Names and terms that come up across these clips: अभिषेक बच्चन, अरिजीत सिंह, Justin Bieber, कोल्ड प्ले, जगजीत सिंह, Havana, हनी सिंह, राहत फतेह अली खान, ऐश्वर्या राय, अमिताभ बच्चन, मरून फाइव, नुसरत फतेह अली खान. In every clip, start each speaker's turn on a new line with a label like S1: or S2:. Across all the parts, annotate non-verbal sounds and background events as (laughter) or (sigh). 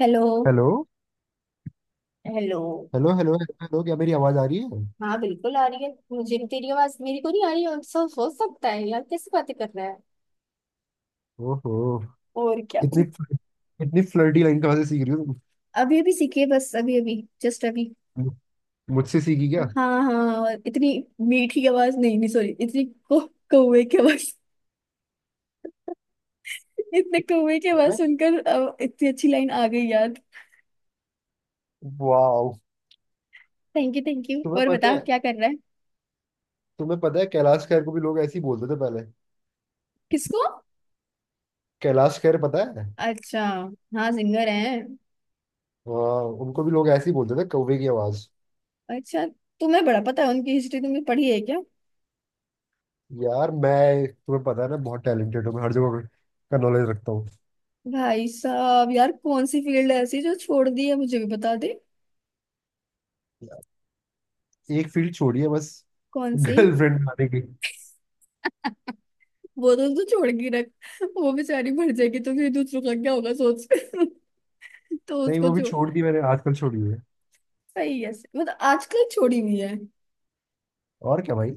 S1: Hello.
S2: Hello
S1: hello.
S2: Hello hello hello hello, क्या मेरी आवाज आ रही है?
S1: हाँ, बिल्कुल आ रही है। मुझे भी तेरी आवाज मेरी को नहीं आ रही है, सब हो सकता है यार, कैसी बातें कर रहा है।
S2: ओहो।
S1: और क्या।
S2: इतनी फ्ल- इतनी फ्लर्टी लाइन कहाँ से सीख रही हो तुम?
S1: अभी अभी सीखी है बस, अभी अभी। जस्ट अभी।
S2: मु- मुझसे सीखी क्या?
S1: हाँ हाँ, और इतनी मीठी आवाज नहीं नहीं सॉरी, इतनी को कौवे की आवाज। (laughs) इतने कौवे की आवाज
S2: मैं
S1: सुनकर इतनी अच्छी लाइन आ गई यार।
S2: Wow.
S1: Thank you thank you.
S2: तुम्हें
S1: और
S2: पता
S1: बता
S2: है,
S1: क्या कर रहा है।
S2: तुम्हें पता है कैलाश खैर को भी लोग ऐसे ही बोलते थे पहले।
S1: किसको।
S2: कैलाश खैर पता है।
S1: अच्छा, हाँ सिंगर है।
S2: हाँ उनको भी लोग ऐसे ही बोलते थे, कौवे की आवाज।
S1: अच्छा, तुम्हें बड़ा पता है उनकी हिस्ट्री, तुमने पढ़ी है क्या।
S2: यार मैं, तुम्हें पता है ना, बहुत टैलेंटेड हूँ मैं, हर जगह का नॉलेज रखता हूँ।
S1: भाई साहब यार, कौन सी फील्ड ऐसी जो छोड़ दी है, मुझे भी बता दे।
S2: एक फील्ड छोड़ी है बस।
S1: कौन
S2: (laughs)
S1: सी।
S2: गर्लफ्रेंड बनाने की।
S1: वो तो तू छोड़ के रख। वो बेचारी मर जाएगी तो फिर दूसरों का क्या होगा, सोच। (laughs) तो
S2: नहीं
S1: उसको
S2: वो भी छोड़
S1: छोड़।
S2: दी मैंने, आजकल छोड़ी है।
S1: सही है, मतलब आजकल छोड़ी हुई है।
S2: और क्या भाई।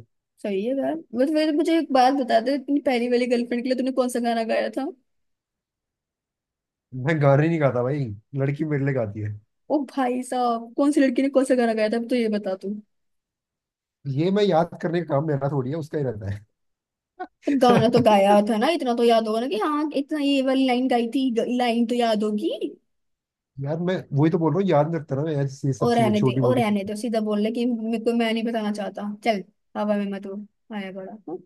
S1: सही है यार, मतलब मुझे एक बात बता दे, अपनी पहली वाली गर्लफ्रेंड के लिए तूने कौन सा गाना गाया था।
S2: मैं गाने नहीं गाता भाई, लड़की मेरे लिए गाती है।
S1: ओ भाई साहब, कौन सी लड़की ने कौन सा गाना गाया था, अब तो ये बता तू।
S2: ये मैं याद करने का काम मेरा थोड़ी है, उसका ही रहता है।
S1: तो गाना तो गाया
S2: (laughs)
S1: था ना, इतना तो याद होगा ना कि हाँ, इतना ये वाली लाइन गाई थी, लाइन तो याद होगी।
S2: यार मैं वही तो बोल रहा हूँ, याद नहीं रखता ना मैं यार ये
S1: ओ
S2: सब चीजें
S1: रहने दे,
S2: छोटी
S1: ओ
S2: मोटी।
S1: रहने दो, सीधा बोलने की मेरे को, मैं नहीं बताना चाहता चल। हवा में मत उड़। आया बड़ा हूँ।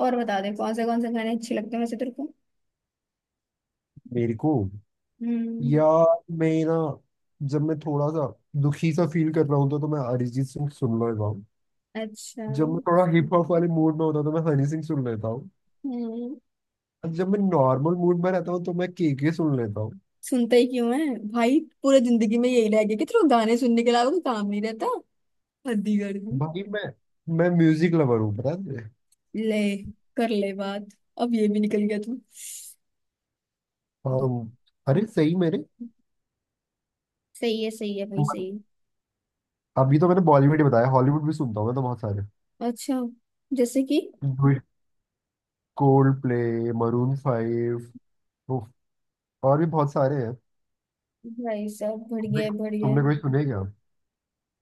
S1: और बता दे कौन से गाने अच्छे लगते हैं वैसे तेरे को।
S2: मेरे को।
S1: हम्म।
S2: यार मैं ना, जब मैं थोड़ा सा दुखी सा फील कर रहा हूँ तो मैं अरिजीत सिंह सुन लेता हूँ।
S1: अच्छा।
S2: जब मैं थोड़ा हिप हॉप वाले मूड में होता हूँ तो मैं हनी सिंह सुन लेता हूँ।
S1: हम्म।
S2: और जब मैं नॉर्मल मूड में रहता हूँ तो मैं के सुन लेता हूँ।
S1: सुनता ही क्यों है। भाई पूरे जिंदगी में यही रह गया कि तेरे को गाने सुनने के अलावा कोई काम नहीं रहता। हद्दी कर दी।
S2: भाई मैं म्यूजिक लवर हूँ, पता है तुझे?
S1: ले, कर ले बात। अब ये भी निकल गया तू।
S2: हाँ अरे सही मेरे।
S1: सही है, सही है भाई, सही है।
S2: अभी तो मैंने बॉलीवुड ही बताया, हॉलीवुड भी सुनता हूँ मैं तो, बहुत सारे।
S1: अच्छा। जैसे कि।
S2: कोल्ड प्ले, मरून फाइव, और भी बहुत सारे हैं।
S1: भाई साहब,
S2: तुमने
S1: बढ़िया है बढ़िया है।
S2: तुमने कोई सुने क्या?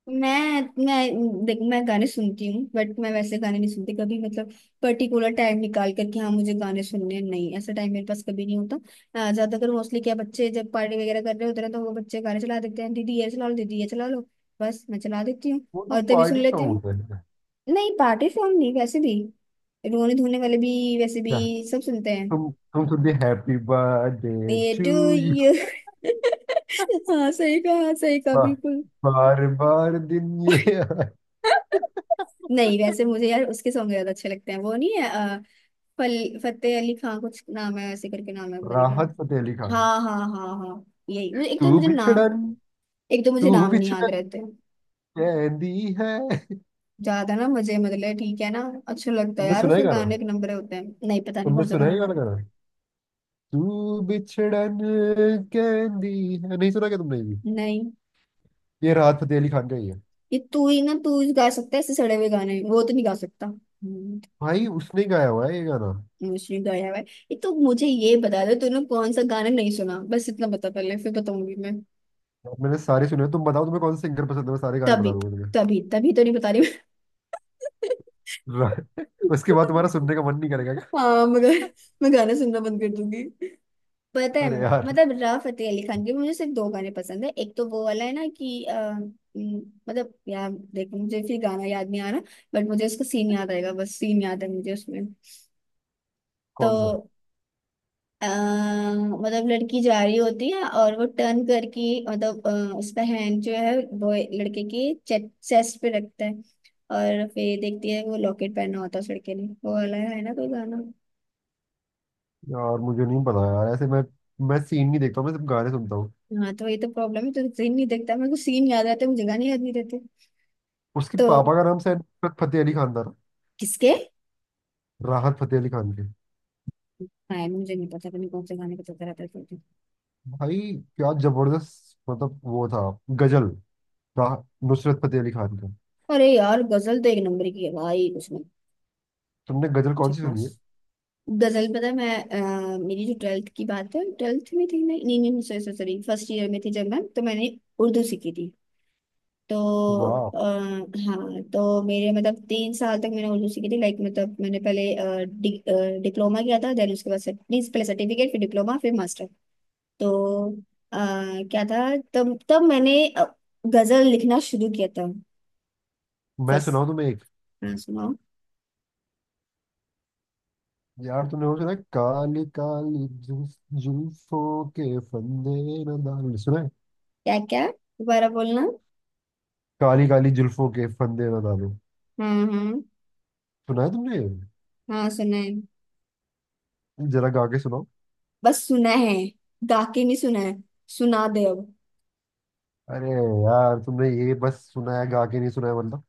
S1: मैं देख, मैं गाने सुनती हूँ बट मैं वैसे गाने नहीं सुनती कभी, मतलब पर्टिकुलर टाइम निकाल कर कि हाँ मुझे गाने सुनने हैं, नहीं, ऐसा टाइम मेरे पास कभी नहीं होता। ज्यादातर मोस्टली, क्या बच्चे जब पार्टी वगैरह कर रहे होते हैं तो वो बच्चे गाने चला देते हैं, दीदी ये चला लो, दीदी ये चला लो। बस मैं चला देती हूँ
S2: वो तो
S1: और तभी सुन
S2: पार्टी
S1: लेती
S2: सॉन्ग
S1: हूँ।
S2: होते हैं।
S1: नहीं, पार्टी सॉन्ग नहीं वैसे भी, रोने धोने वाले भी, वैसे भी
S2: क्या?
S1: सब सुनते हैं।
S2: तुम सुनते हैप्पी बर्थडे
S1: ये
S2: टू
S1: टू
S2: यू,
S1: यू। (laughs) हाँ, सही कहा, सही कहा बिल्कुल।
S2: बार बार दिन ये आए।
S1: (laughs) नहीं, वैसे मुझे यार उसके सॉन्ग ज्यादा अच्छे लगते हैं, वो नहीं है फल फतेह अली खान कुछ नाम है ऐसे करके, नाम है पता नहीं क्या नाम।
S2: राहत फतेह अली खान।
S1: हाँ हाँ हाँ हाँ। यही, मुझे एक तो
S2: तू
S1: मुझे नाम,
S2: बिछड़न,
S1: एक तो मुझे
S2: तू
S1: नाम नहीं याद
S2: बिछड़न
S1: रहते।
S2: कहती है।
S1: ज्यादा ना मुझे, मतलब ठीक है ना। अच्छा लगता है
S2: तुमने
S1: यार,
S2: सुना
S1: उसके
S2: है गाना?
S1: गाने एक नंबर होते हैं, नहीं पता नहीं
S2: तुमने
S1: कौन सा
S2: सुना है
S1: गाना
S2: ये वाला
S1: वाला।
S2: गाना तू बिछड़न कहती है? नहीं सुना क्या तुमने ये भी?
S1: नहीं।
S2: ये राहत फतेह अली खान का ही है।
S1: ये तू ही ना, तू ही गा सकता है ऐसे सड़े हुए गाने, वो तो नहीं गा सकता, हम्म।
S2: भाई उसने ही गाया हुआ है ये गाना।
S1: मुझे गाया हुआ है। ये तो मुझे ये बता दो तूने कौन सा गाना नहीं सुना, बस इतना बता पहले, फिर बताऊंगी मैं।
S2: और मैंने सारे सुने हैं। तुम बताओ तुम्हें कौन से सिंगर पसंद है, मैं सारे गाने
S1: तभी
S2: बता दूंगा तुम्हें।
S1: तभी तभी तो नहीं बता रही।
S2: (laughs) उसके बाद तुम्हारा सुनने का मन नहीं करेगा क्या?
S1: हाँ मगर, मैं गाने सुनना बंद कर दूंगी। पता है।
S2: अरे यार
S1: मतलब राव फतेह अली खान के मुझे सिर्फ दो गाने पसंद है, एक तो वो वाला है ना कि उम, मतलब यार देखो मुझे फिर गाना याद नहीं आ रहा। बट मुझे उसका सीन याद आएगा, बस सीन याद है मुझे उसमें,
S2: कौन सा।
S1: तो मतलब लड़की जा रही होती है और वो टर्न करके, मतलब उसका हैंड जो है वो लड़के की चेस्ट पे रखता है। और फिर देखती है वो लॉकेट पहना होता है उस लड़के ने, वो वाला है ना कोई गाना।
S2: यार मुझे नहीं पता यार, ऐसे मैं सीन नहीं देखता हूँ, मैं सिर्फ गाने सुनता हूँ।
S1: हाँ, तो ये तो प्रॉब्लम है, तो सीन नहीं देखता, मेरे को सीन याद रहता है, मुझे गाने याद नहीं रहते।
S2: उसके
S1: तो
S2: पापा का नाम शायद नुसरत फतेह अली खान था ना?
S1: किसके।
S2: राहत फतेह अली खान के।
S1: हाँ यार, मुझे नहीं पता, पता नहीं कौन से गाने का चलता रहता है तो।
S2: भाई क्या जबरदस्त, मतलब वो था गजल, राह, नुसरत फतेह अली खान का।
S1: अरे यार, गजल तो एक नंबर की है भाई।
S2: तुमने गजल कौन सी सुनी है?
S1: उसमें दरअसल पता है, मैं मेरी जो ट्वेल्थ की बात है, ट्वेल्थ में थी, नहीं नहीं नहीं सॉरी सॉरी, फर्स्ट ईयर में थी जब मैं, तो मैंने उर्दू सीखी थी। तो
S2: वाह।
S1: अ, हाँ तो मेरे मतलब, तीन साल तक मैंने उर्दू सीखी थी, लाइक मतलब मैंने पहले डिप्लोमा किया था, देन उसके बाद नहीं, पहले सर्टिफिकेट फिर डिप्लोमा फिर मास्टर। तो अ, क्या था, तब तब मैंने गजल लिखना शुरू किया था।
S2: मैं
S1: फर्स्ट।
S2: सुनाऊँ तुम्हें एक,
S1: हाँ सुनाओ।
S2: यार तूने वो सुना है? काली काली जुल्फ, जुल्फों के फंदे न डालो, सुना है?
S1: क्या क्या, दोबारा बोलना।
S2: काली काली जुल्फों के फंदे न डालो,
S1: हाँ हाँ
S2: सुना है तुमने?
S1: हाँ, सुना है।
S2: जरा गा के सुनाओ।
S1: बस सुना है, गा के नहीं सुना है। सुना दे अब।
S2: अरे यार तुमने ये बस सुना है, गा के नहीं सुना है मतलब।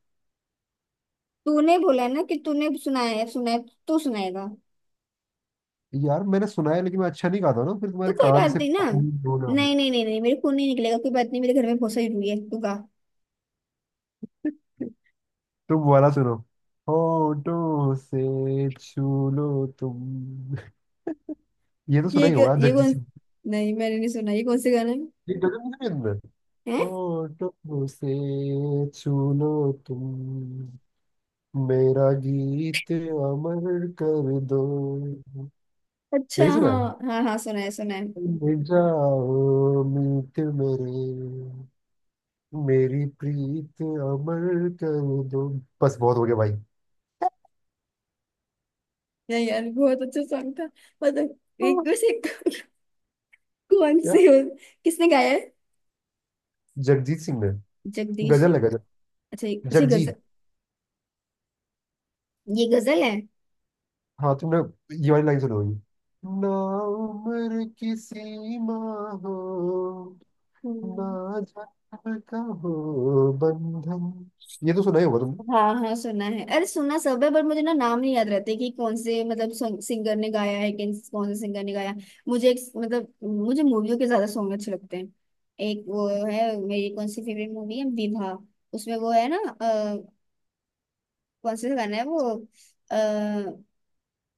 S1: तूने बोला है ना कि तूने सुनाया है, सुना है। तू सुनाएगा।
S2: यार मैंने सुना है लेकिन मैं अच्छा नहीं गाता ना, फिर
S1: तो
S2: तुम्हारे
S1: कोई
S2: कान
S1: बात
S2: से
S1: नहीं ना,
S2: खून बोला।
S1: नहीं नहीं नहीं नहीं, मेरे खून नहीं निकलेगा, कोई बात नहीं, मेरे घर में बहुत सारी रुई है, तू गा।
S2: (laughs) तुम वाला सुनो। होठों से छू लो तुम, ये तो सुना
S1: ये
S2: ही
S1: क्यों,
S2: होगा,
S1: ये
S2: जगजीत
S1: कौन।
S2: सिंह।
S1: नहीं, मैंने नहीं सुना, ये कौन से गाना है।
S2: ये गजल नहीं सुनी तुमने?
S1: है।
S2: होठों से छू लो तुम, मेरा गीत अमर कर दो।
S1: अच्छा,
S2: नहीं सुना है।
S1: हाँ हाँ हाँ, सुना है सुना है।
S2: मिल जाओ मीत मेरे, मेरी प्रीत अमर कर दो। बस बहुत हो गया भाई।
S1: नहीं यार, बहुत अच्छा सॉन्ग था। मतलब एक वैसे। (laughs) कौन
S2: क्या?
S1: से हो, किसने गाया है।
S2: जगजीत सिंह ने।
S1: जगदीश
S2: गजल है
S1: सिंह।
S2: गजल।
S1: अच्छा अच्छा ये गजल,
S2: जगजीत।
S1: ये गजल है।
S2: हाँ तुमने ये वाली लाइन सुनी होगी ना, उम्र की सीमा हो
S1: हम्म,
S2: ना, जाने का हो बंधन, ये तो सुना ही होगा तुमने।
S1: हाँ हाँ, सुना है। अरे सुना सब है, पर मुझे ना नाम नहीं याद रहते कि कौन से मतलब सिंगर ने गाया है, कि कौन से सिंगर ने गाया। मुझे एक, मतलब मुझे मूवियों के ज्यादा सॉन्ग अच्छे लगते हैं। एक वो है, मेरी कौन सी फेवरेट मूवी है, विवाह। उसमें वो है ना कौन सा गाना है वो, आ,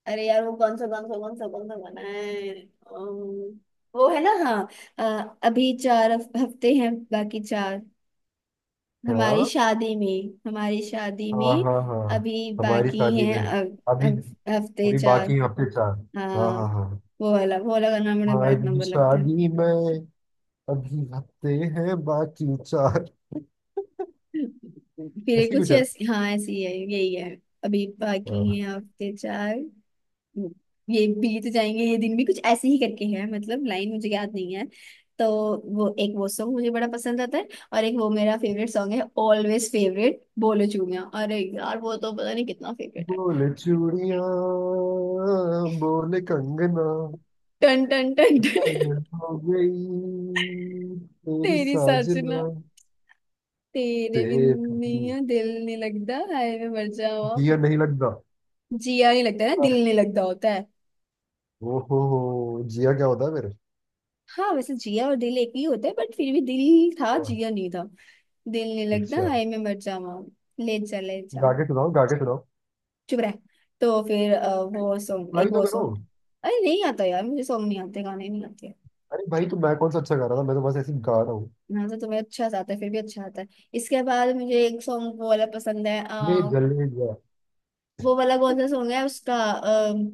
S1: अरे यार वो कौन सा कौन सा कौन सा कौन सा गाना है, वो है ना हाँ, अभी चार हफ्ते हैं बाकी चार। हमारी
S2: हाँ
S1: शादी में, हमारी शादी
S2: हाँ
S1: में
S2: हाँ हाँ।
S1: अभी
S2: हमारी
S1: बाकी
S2: शादी
S1: हैं
S2: में अभी,
S1: अब हफ्ते
S2: अभी
S1: चार।
S2: बाकी हफ्ते चार। हाँ
S1: हाँ,
S2: हाँ हाँ।
S1: वो वाला गाना मुझे बड़ा एक
S2: हमारी
S1: नंबर लगता है।
S2: शादी में अभी हफ्ते हैं बाकी चार।
S1: फिर ये
S2: ऐसी
S1: कुछ
S2: कुछ है ना।
S1: ऐसी, हाँ ऐसी ही है, यही है। अभी बाकी
S2: हाँ।
S1: हैं हफ्ते चार। ये बीत जाएंगे ये दिन भी, कुछ ऐसे ही करके है, मतलब लाइन मुझे याद नहीं है। तो वो एक वो सॉन्ग मुझे बड़ा पसंद आता है। और एक वो मेरा फेवरेट सॉन्ग है, ऑलवेज फेवरेट, बोलो चूड़ियां। अरे यार वो तो पता नहीं कितना फेवरेट है।
S2: बोले चूड़िया, बोले कंगना,
S1: टन टन टन टन।
S2: पागल हो गई तेरी
S1: तेरी साजना,
S2: साजना,
S1: तेरे बिन
S2: तेरी,
S1: नहीं है, दिल नहीं लगता, हाय मैं मर जावा।
S2: दिया नहीं लगता।
S1: जिया नहीं लगता ना, दिल नहीं लगता होता है।
S2: ओहो। जिया क्या होता है फिर?
S1: हाँ, वैसे जिया और दिल एक ही होता है बट फिर भी दिल था
S2: वाह,
S1: जिया नहीं था। दिल नहीं लगता,
S2: अच्छा।
S1: हाय मैं मर जावा। ले जा, ले जा।
S2: गा के सुनाओ, गा के सुनाओ।
S1: चुप रह। तो फिर वो सॉन्ग, एक
S2: भाई तो
S1: वो
S2: करो।
S1: सॉन्ग। अरे नहीं आता यार, मुझे सॉन्ग नहीं आते, गाने नहीं आते।
S2: अरे भाई तो मैं कौन सा अच्छा गा रहा था, मैं तो बस ऐसे ही गा रहा हूँ।
S1: ना तो तुम्हें अच्छा सा आता है, फिर भी अच्छा आता है। इसके बाद मुझे एक सॉन्ग वो वाला पसंद है।
S2: ले जल ले गया।
S1: वो वाला कौन सा सॉन्ग है उसका,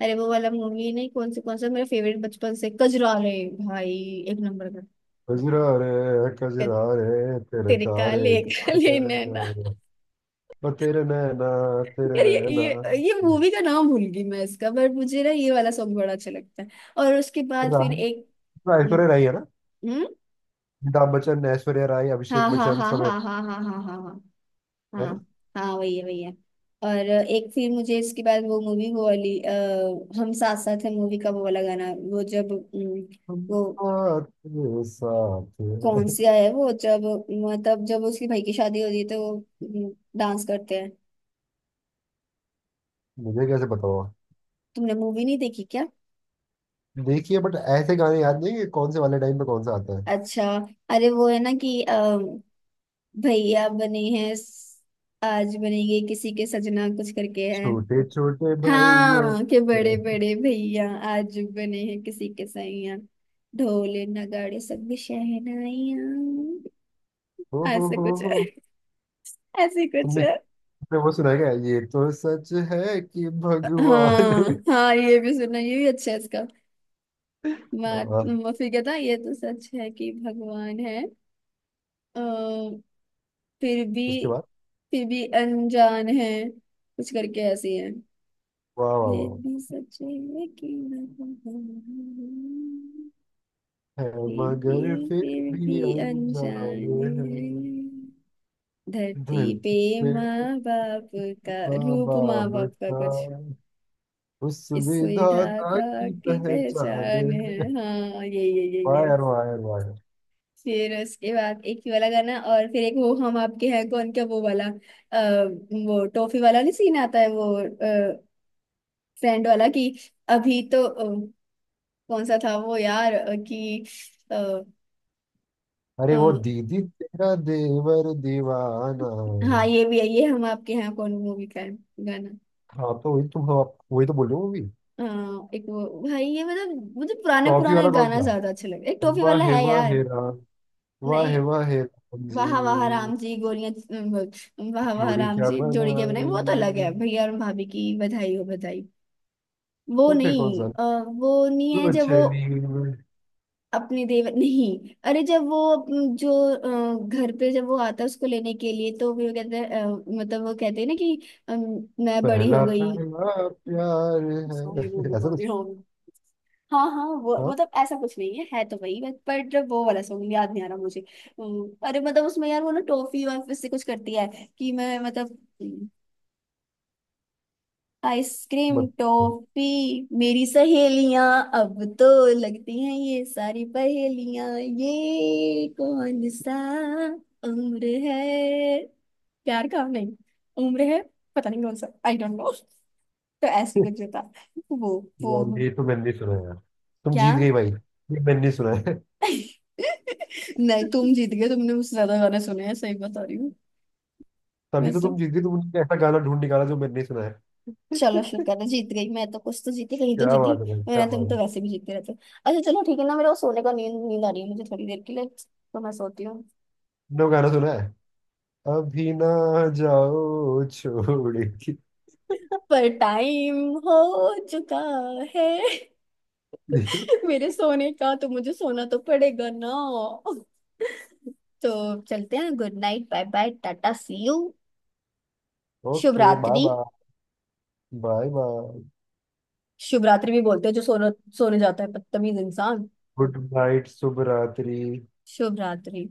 S1: अरे वो वाला मूवी नहीं, कौन से कौन सा मेरा फेवरेट बचपन से, कजरारे। भाई, एक नंबर का।
S2: कजरा रे,
S1: ते,
S2: कजरा रे तेरे
S1: तेरे
S2: कारे
S1: काले काले नैना।
S2: कारे, और तेरे नैना, तेरे
S1: यार ये
S2: नैना।
S1: ये ये मूवी का नाम भूल गई मैं इसका, बट मुझे ना ये वाला सॉन्ग बड़ा अच्छा लगता है। और उसके बाद फिर एक।
S2: राय।
S1: हम्म।
S2: ऐश्वर्या राय है ना?
S1: हम्म?
S2: अमिताभ बच्चन, ऐश्वर्या राय,
S1: हाँ
S2: अभिषेक
S1: हाँ
S2: बच्चन,
S1: हाँ
S2: सब है।
S1: हाँ हाँ हाँ हाँ हाँ हाँ।
S2: है ना?
S1: हाँ, हाँ वही है वही है। और एक फिर मुझे इसके बाद वो मूवी वो वाली हम साथ साथ है मूवी का वो वाला गाना वो जब
S2: हम
S1: वो
S2: साथ साथ
S1: कौन
S2: हैं।
S1: सी है वो जब, मतलब जब उसकी भाई की शादी होती है तो वो डांस करते हैं।
S2: मुझे कैसे बताओ?
S1: तुमने मूवी नहीं देखी क्या।
S2: देखिए बट ऐसे गाने याद नहीं है, कौन से वाले टाइम पे कौन सा आता है।
S1: अच्छा। अरे वो है ना कि भैया बने हैं आज बनेंगे किसी के सजना कुछ करके है।
S2: छोटे छोटे भाइयों
S1: हाँ, के बड़े
S2: के-
S1: बड़े भैया आज बने हैं किसी के सैया। ढोल नगाड़े सब भी शहनाइया।
S2: ओ
S1: ऐसे
S2: हो
S1: कुछ है,
S2: हो।
S1: ऐसे कुछ
S2: तुमने,
S1: है।
S2: तुमने वो सुना है क्या ये तो सच है कि
S1: हाँ
S2: भगवान? (laughs)
S1: हाँ, ये भी सुना, ये भी अच्छा है। बात
S2: हाँ,
S1: फिर कहता, ये तो सच है कि भगवान है। अ, फिर भी,
S2: उसके बाद।
S1: फिर भी अनजान है कुछ करके ऐसी है।
S2: वाह वाह
S1: ये
S2: वाह।
S1: भी सच है कि भगवान है,
S2: है मगर फिर
S1: फिर भी
S2: भी
S1: अनजान
S2: अनजाने
S1: है।
S2: हैं,
S1: धरती पे
S2: धरती पे
S1: माँ बाप का
S2: उठा
S1: रूप माँ
S2: बाप
S1: बाप का
S2: का,
S1: कुछ,
S2: उस
S1: इस
S2: विधाता
S1: विधाता
S2: की
S1: की
S2: पहचान
S1: पहचान
S2: है।
S1: है। हाँ यही यही यही
S2: वाह
S1: है।
S2: यार वाह यार वाह यार।
S1: फिर उसके बाद एक ये वाला गाना, और फिर एक वो हम आपके हैं कौन, क्या वो वाला वो टॉफी वाला, नहीं सीन आता है वो फ्रेंड वाला कि, अभी तो कौन सा था वो यार कि अ, अ,
S2: अरे वो दीदी तेरा देवर दीवाना।
S1: हाँ ये भी है, ये हम आपके हैं कौन मूवी का है गाना।
S2: हाँ तो वही, तुम हम आप- वही तो बोल रहे हो मूवी।
S1: अ, एक वो भाई, ये मतलब मुझे पुराने
S2: टॉफी
S1: पुराने
S2: वाला कौन
S1: गाना
S2: था?
S1: ज्यादा अच्छे लगे, एक टॉफी वाला है
S2: वाह
S1: यार।
S2: हे राम,
S1: नहीं,
S2: वाह हे राम
S1: वाह वाह
S2: जी।
S1: राम जी गोलियां, वाह वाह
S2: जोड़ी
S1: राम
S2: क्या
S1: जी जोड़ी के बनाए, वो तो अलग है,
S2: बनाई?
S1: भैया और भाभी की बधाई हो बधाई। वो
S2: तो फिर कौन
S1: नहीं
S2: सा?
S1: वो नहीं है
S2: तू
S1: जब वो
S2: चली मैं,
S1: अपने देव नहीं। अरे जब वो जो घर पे जब वो आता है उसको लेने के लिए तो वो कहते हैं मतलब वो कहते हैं ना कि मैं बड़ी हो
S2: पहला
S1: गई।
S2: पहला प्यार
S1: सॉरी, वो भी
S2: है, ऐसा
S1: कौन है
S2: कुछ।
S1: हम। हाँ हाँ, वो
S2: हाँ
S1: मतलब ऐसा कुछ नहीं है, है तो वही, बट पर जब वो वाला सॉन्ग याद नहीं आ रहा मुझे। अरे मतलब उसमें यार वो ना, टॉफी और फिर से कुछ करती है, कि मैं मतलब आइसक्रीम
S2: मत।
S1: टॉफी, मेरी सहेलियां अब तो लगती हैं ये सारी पहेलियां, ये कौन सा उम्र है, प्यार का नहीं उम्र है। पता नहीं कौन सा, आई डोंट नो। तो ऐसी कुछ था वो।
S2: यार
S1: वो,
S2: ये तो मैंने नहीं सुना यार। तुम
S1: क्या।
S2: जीत गई भाई, ये मैंने नहीं सुना है।
S1: नहीं, तुम जीत गए, तुमने मुझसे ज्यादा गाने सुने हैं, सही बता रही हूँ।
S2: तभी तो
S1: वैसे
S2: तुम जीत गई, तुमने ऐसा गाना ढूंढ निकाला जो मैंने नहीं सुना है।
S1: चलो शुक्र है, जीत गई मैं तो, कुछ तो जीती, कहीं तो
S2: क्या
S1: जीती।
S2: बात है भाई क्या
S1: मेरा
S2: बात
S1: तुम तो
S2: है।
S1: वैसे भी जीतते रहते हो। अच्छा, चलो ठीक है ना, मेरे को सोने का, नींद नींद आ रही है मुझे थोड़ी देर के लिए, तो मैं सोती हूँ।
S2: नो गाना सुना है अभी ना, जाओ छोड़ के।
S1: पर टाइम हो चुका है। (laughs)
S2: (laughs)
S1: मेरे सोने का, तो मुझे सोना तो पड़ेगा ना। तो चलते हैं, good night, bye bye, tata, see you. शुभ
S2: ओके बाय
S1: रात्रि।
S2: बाय, बाय बाय,
S1: शुभ रात्रि भी बोलते हैं जो सोना सोने जाता है, बदतमीज इंसान।
S2: गुड नाइट, शुभ रात्रि।
S1: शुभ रात्रि।